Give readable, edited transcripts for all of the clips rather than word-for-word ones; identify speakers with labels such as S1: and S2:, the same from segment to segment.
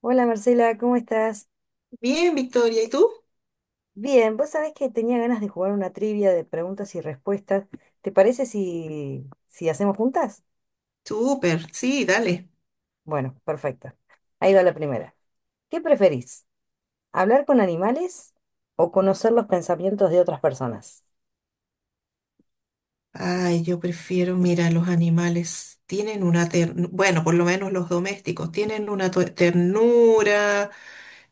S1: Hola Marcela, ¿cómo estás?
S2: Bien, Victoria, ¿y tú?
S1: Bien, vos sabés que tenía ganas de jugar una trivia de preguntas y respuestas. ¿Te parece si hacemos juntas?
S2: Súper, sí, dale.
S1: Bueno, perfecto. Ahí va la primera. ¿Qué preferís? ¿Hablar con animales o conocer los pensamientos de otras personas?
S2: Ay, yo prefiero, mira, los animales tienen una ternura, bueno, por lo menos los domésticos, tienen una ternura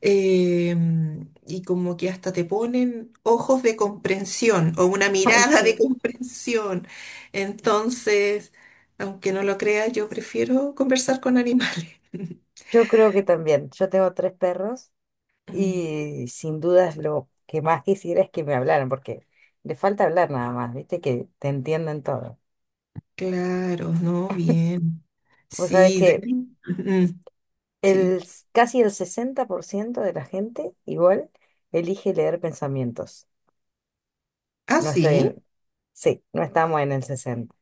S2: y como que hasta te ponen ojos de comprensión o una
S1: Ay,
S2: mirada de
S1: sí.
S2: comprensión. Entonces, aunque no lo creas, yo prefiero conversar con animales.
S1: Yo creo que también. Yo tengo tres perros
S2: Mm,
S1: y sin dudas lo que más quisiera es que me hablaran, porque le falta hablar nada más, ¿viste? Que te entiendan todo.
S2: claro, ¿no? Bien.
S1: Vos sabés
S2: Sí,
S1: que
S2: Dani. Ujú. Sí.
S1: Casi el 60% de la gente igual elige leer pensamientos.
S2: Ah,
S1: No estoy
S2: sí.
S1: en... Sí, no estamos en el 60.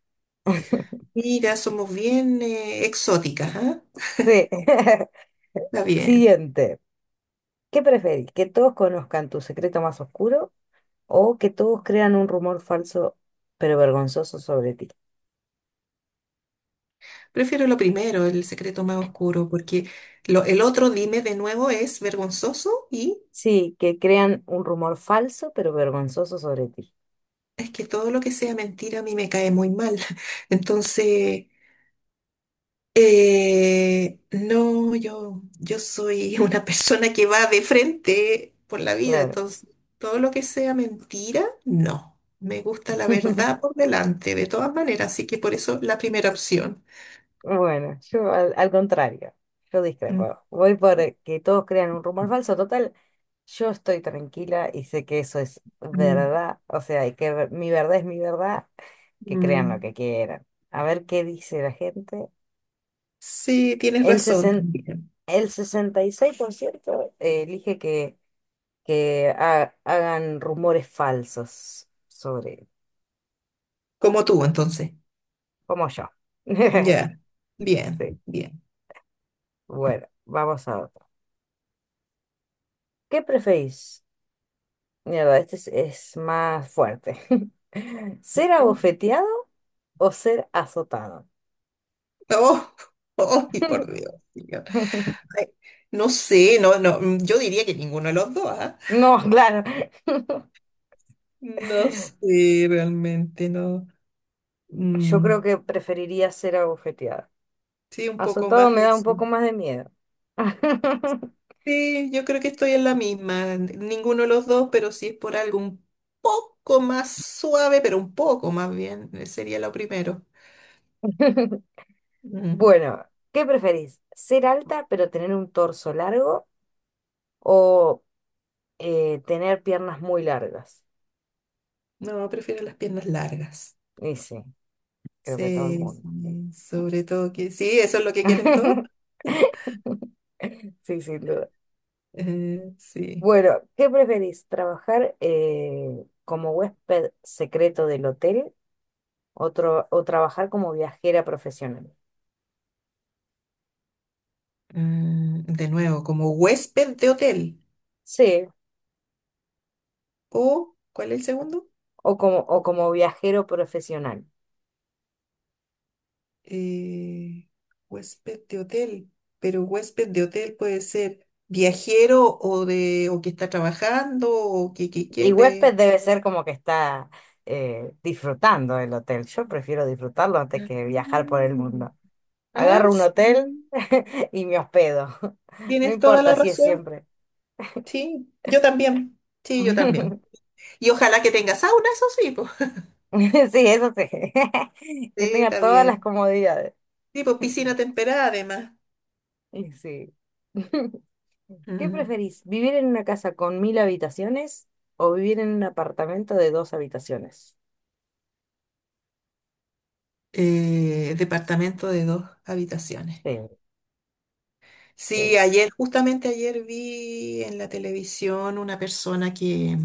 S2: Mira, somos bien exóticas, ¿ah?
S1: Sí.
S2: Está bien.
S1: Siguiente. ¿Qué preferís? ¿Que todos conozcan tu secreto más oscuro o que todos crean un rumor falso pero vergonzoso sobre ti?
S2: Prefiero lo primero, el secreto más oscuro, porque el otro, dime de nuevo, es vergonzoso y
S1: Sí, que crean un rumor falso pero vergonzoso sobre ti.
S2: es que todo lo que sea mentira a mí me cae muy mal. Entonces, no, yo soy una persona que va de frente por la vida,
S1: Claro.
S2: entonces todo lo que sea mentira, no. Me gusta la verdad por delante, de todas maneras, así que por eso la primera opción.
S1: Bueno, yo al contrario, yo discrepo. Voy por que todos crean un rumor falso. Total, yo estoy tranquila y sé que eso es
S2: Mm.
S1: verdad. O sea, y mi verdad es mi verdad, que crean lo
S2: Mm,
S1: que quieran. A ver qué dice la gente.
S2: sí, tienes
S1: El,
S2: razón
S1: sesen-
S2: también.
S1: el 66% elige que hagan rumores falsos sobre,
S2: Como tú, entonces.
S1: como yo.
S2: Ya. Bien,
S1: Sí,
S2: bien.
S1: bueno, vamos a otro. ¿Qué preferís? Mierda, este es más fuerte. ¿Ser
S2: Mm.
S1: abofeteado o ser azotado?
S2: Oh, oh, y por Dios, señor. Ay, no sé, no, no, yo diría que ninguno de los dos, ¿ah?
S1: No, claro.
S2: No sé, realmente no.
S1: Yo creo
S2: Mm,
S1: que preferiría ser abofeteada.
S2: sí, un poco
S1: Azotado
S2: más
S1: me da un
S2: eso.
S1: poco más de miedo.
S2: Sí, yo creo que estoy en la misma. Ninguno de los dos, pero sí es por algo un poco más suave, pero un poco más bien, sería lo primero. Mm,
S1: Bueno, ¿qué preferís? ¿Ser alta pero tener un torso largo o tener piernas muy largas?
S2: no, prefiero las piernas largas.
S1: Y sí, creo que todo el
S2: Sí,
S1: mundo.
S2: sí, sobre todo que sí, eso es lo que quieren todos.
S1: Sí, sin duda.
S2: Sí.
S1: Bueno, ¿qué preferís? ¿Trabajar como huésped secreto del hotel o, trabajar como viajera profesional?
S2: De nuevo, como huésped de hotel.
S1: Sí,
S2: O, ¿cuál es el segundo?
S1: o como viajero profesional.
S2: Eh, huésped de hotel. Pero huésped de hotel puede ser viajero o de o que está trabajando o que
S1: Y huésped
S2: de.
S1: debe ser como que está disfrutando del hotel. Yo prefiero disfrutarlo antes
S2: Ah,
S1: que viajar por el mundo.
S2: ah,
S1: Agarro un hotel
S2: sí.
S1: y me hospedo. No
S2: Tienes toda la
S1: importa si es
S2: razón.
S1: siempre.
S2: Sí, yo también. Sí, yo también. Y ojalá que tenga sauna, eso sí, pues.
S1: Sí, eso sí.
S2: Sí,
S1: Que tenga
S2: está
S1: todas las
S2: bien.
S1: comodidades.
S2: Tipo piscina temperada además.
S1: Y sí. ¿Qué
S2: Mm.
S1: preferís? ¿Vivir en una casa con 1000 habitaciones o vivir en un apartamento de dos habitaciones?
S2: Departamento de dos habitaciones.
S1: Sí,
S2: Sí,
S1: sí,
S2: ayer, justamente ayer vi en la televisión una persona que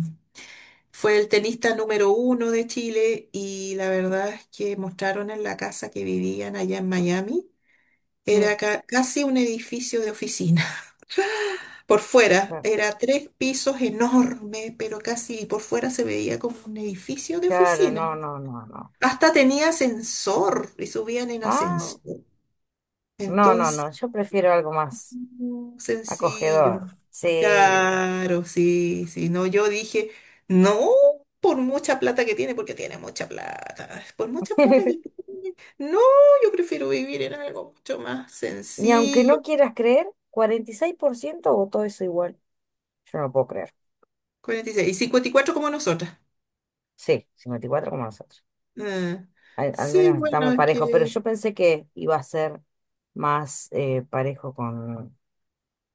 S2: fue el tenista número uno de Chile y la verdad es que mostraron en la casa que vivían allá en Miami.
S1: sí.
S2: Era casi un edificio de oficina. Por fuera,
S1: No,
S2: era tres pisos enorme, pero casi por fuera se veía como un edificio de
S1: Claro,
S2: oficina.
S1: no, no, no, no.
S2: Hasta tenía ascensor y subían en
S1: Ah,
S2: ascensor.
S1: no, no, no.
S2: Entonces,
S1: Yo prefiero algo más
S2: no, sencillo.
S1: acogedor. Sí.
S2: Claro, sí, sí. No, yo dije, no, por mucha plata que tiene, porque tiene mucha plata. Por mucha plata que tiene. No, yo prefiero vivir en algo mucho más
S1: Y aunque
S2: sencillo.
S1: no quieras creer, 46% votó eso igual. Yo no puedo creer.
S2: 46. Y seis y 54 como nosotras.
S1: Sí, 54 como nosotros.
S2: Ah,
S1: Al
S2: sí,
S1: menos estamos
S2: bueno, es
S1: parejos, pero
S2: que
S1: yo pensé que iba a ser más parejo con,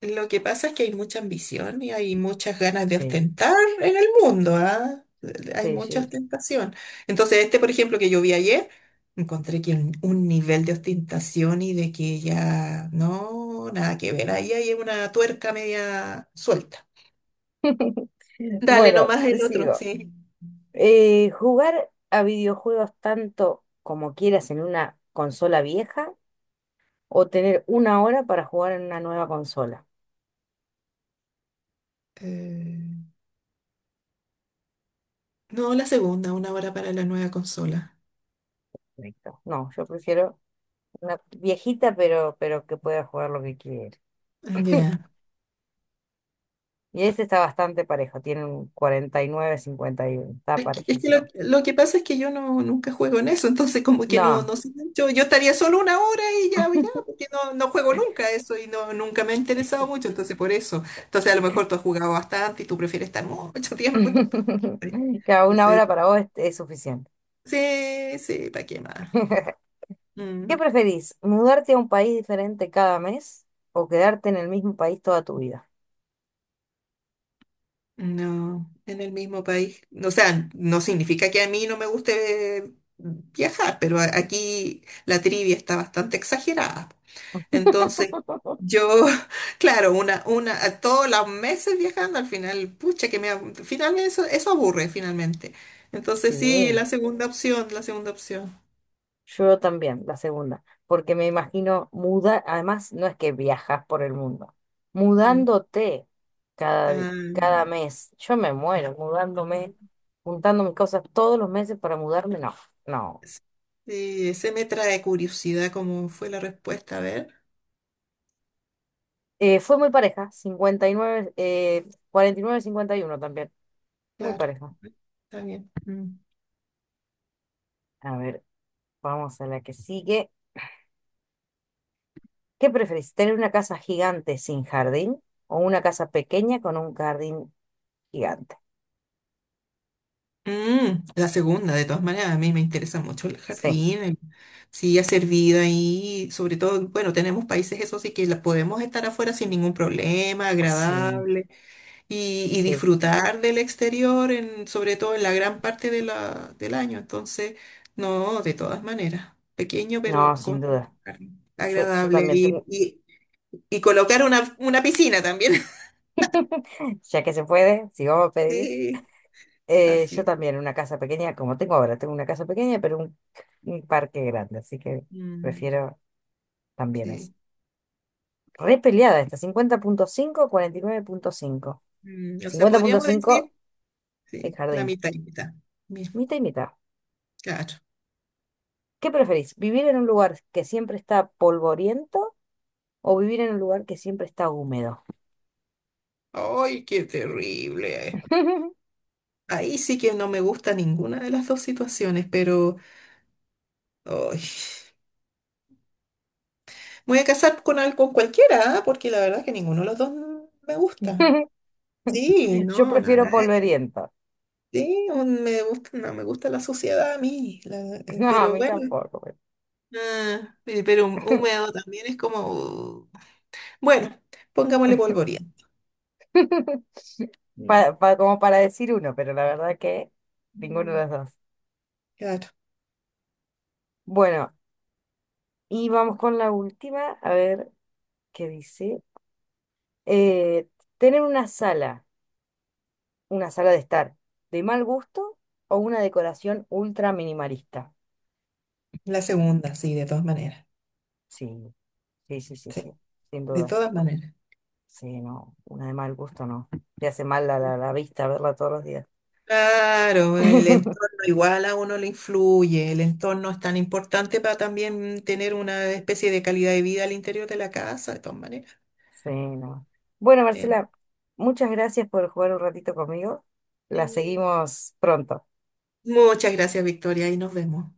S2: Lo que pasa es que hay mucha ambición y hay muchas ganas de
S1: Sí,
S2: ostentar en el mundo, ¿ah? Hay
S1: sí,
S2: mucha
S1: sí.
S2: ostentación. Entonces, este, por ejemplo, que yo vi ayer, encontré que un nivel de ostentación y de que ya no, nada que ver. Ahí hay una tuerca media suelta. Dale
S1: Bueno,
S2: nomás
S1: te
S2: el otro,
S1: sigo.
S2: sí.
S1: ¿Jugar a videojuegos tanto como quieras en una consola vieja o tener una hora para jugar en una nueva consola?
S2: Eh, no, la segunda, una hora para la nueva consola.
S1: Perfecto. No, yo prefiero una viejita, pero que pueda jugar lo que quiera.
S2: Ya.
S1: Y este está bastante parejo, tiene un cuarenta y nueve cincuenta y uno. Está
S2: Es que lo,
S1: parejísimo.
S2: lo que pasa es que yo no, nunca juego en eso, entonces como que no, no
S1: No,
S2: sé, yo estaría solo una hora y ya, ya, porque no, no juego nunca eso y no, nunca me ha interesado mucho, entonces por eso. Entonces a lo mejor tú has jugado bastante y tú prefieres estar mucho tiempo.
S1: cada una
S2: Entonces,
S1: hora para vos es suficiente.
S2: sí, sí, ¿para qué más?
S1: ¿Qué
S2: Mm,
S1: preferís? ¿Mudarte a un país diferente cada mes o quedarte en el mismo país toda tu vida?
S2: no, en el mismo país. O sea, no significa que a mí no me guste viajar, pero aquí la trivia está bastante exagerada. Entonces, yo, claro, a todos los meses viajando, al final, pucha, finalmente eso aburre, finalmente. Entonces, sí,
S1: Sí,
S2: la segunda opción, la segunda opción.
S1: yo también, la segunda, porque me imagino muda, además no es que viajas por el mundo,
S2: Mm.
S1: mudándote cada, di-
S2: Ah,
S1: cada
S2: no.
S1: mes. Yo me muero mudándome, juntando mis cosas todos los meses para mudarme, no, no.
S2: Sí, se me trae curiosidad cómo fue la respuesta, a ver,
S1: Fue muy pareja, 59 49-51 también, muy
S2: claro,
S1: pareja.
S2: está bien. Mm.
S1: A ver, vamos a la que sigue. ¿Qué preferís? ¿Tener una casa gigante sin jardín o una casa pequeña con un jardín gigante?
S2: La segunda, de todas maneras, a mí me interesa mucho el
S1: Sí,
S2: jardín, sí hacer vida ahí, sobre todo, bueno, tenemos países eso sí que podemos estar afuera sin ningún problema,
S1: sí,
S2: agradable, y
S1: sí.
S2: disfrutar del exterior, sobre todo en la gran parte del año, entonces, no, de todas maneras, pequeño
S1: No,
S2: pero
S1: sin
S2: con
S1: duda.
S2: jardín
S1: Yo
S2: agradable,
S1: también
S2: y,
S1: tengo,
S2: y, y colocar una piscina también,
S1: ya que se puede, si vamos a pedir,
S2: sí,
S1: yo
S2: así,
S1: también una casa pequeña, como tengo ahora, tengo una casa pequeña, pero un parque grande, así que
S2: mm,
S1: prefiero también eso.
S2: sí.
S1: Re peleada esta. Cincuenta punto cinco 49,5.
S2: O sea,
S1: cincuenta punto
S2: podríamos
S1: cinco
S2: decir.
S1: el
S2: Sí, la
S1: jardín,
S2: mitad y mitad. Mira,
S1: mitad y mitad.
S2: claro.
S1: ¿Qué preferís? ¿Vivir en un lugar que siempre está polvoriento o vivir en un lugar que siempre está húmedo?
S2: ¡Ay, qué terrible! Ahí sí que no me gusta ninguna de las dos situaciones, pero ay, me voy a casar con cualquiera, ¿ah? Porque la verdad que ninguno de los dos me gusta. Sí,
S1: Yo
S2: no,
S1: prefiero
S2: nada.
S1: polvoriento.
S2: Sí, me gusta, no me gusta la suciedad a mí,
S1: No, a
S2: pero
S1: mí
S2: bueno.
S1: tampoco,
S2: Pero húmedo también es como. Bueno, pongámosle polvoriento. Mm.
S1: Como para decir uno, pero la verdad que ninguno de
S2: Mm,
S1: los dos.
S2: claro,
S1: Bueno, y vamos con la última, a ver qué dice. Eh, tener una sala de estar de mal gusto o una decoración ultra minimalista.
S2: la segunda, sí, de todas maneras.
S1: Sí, sí, sí, sí,
S2: Sí.
S1: sí, sin
S2: De
S1: duda.
S2: todas maneras.
S1: Sí, no, una de mal gusto no. Te hace mal la vista verla todos los días.
S2: Claro, bueno, el entorno igual a uno le influye, el entorno es tan importante para también tener una especie de calidad de vida al interior de la casa, de todas maneras.
S1: Sí, no. Bueno,
S2: Sí.
S1: Marcela, muchas gracias por jugar un ratito conmigo. La
S2: Sí.
S1: seguimos pronto.
S2: Muchas gracias, Victoria, y nos vemos.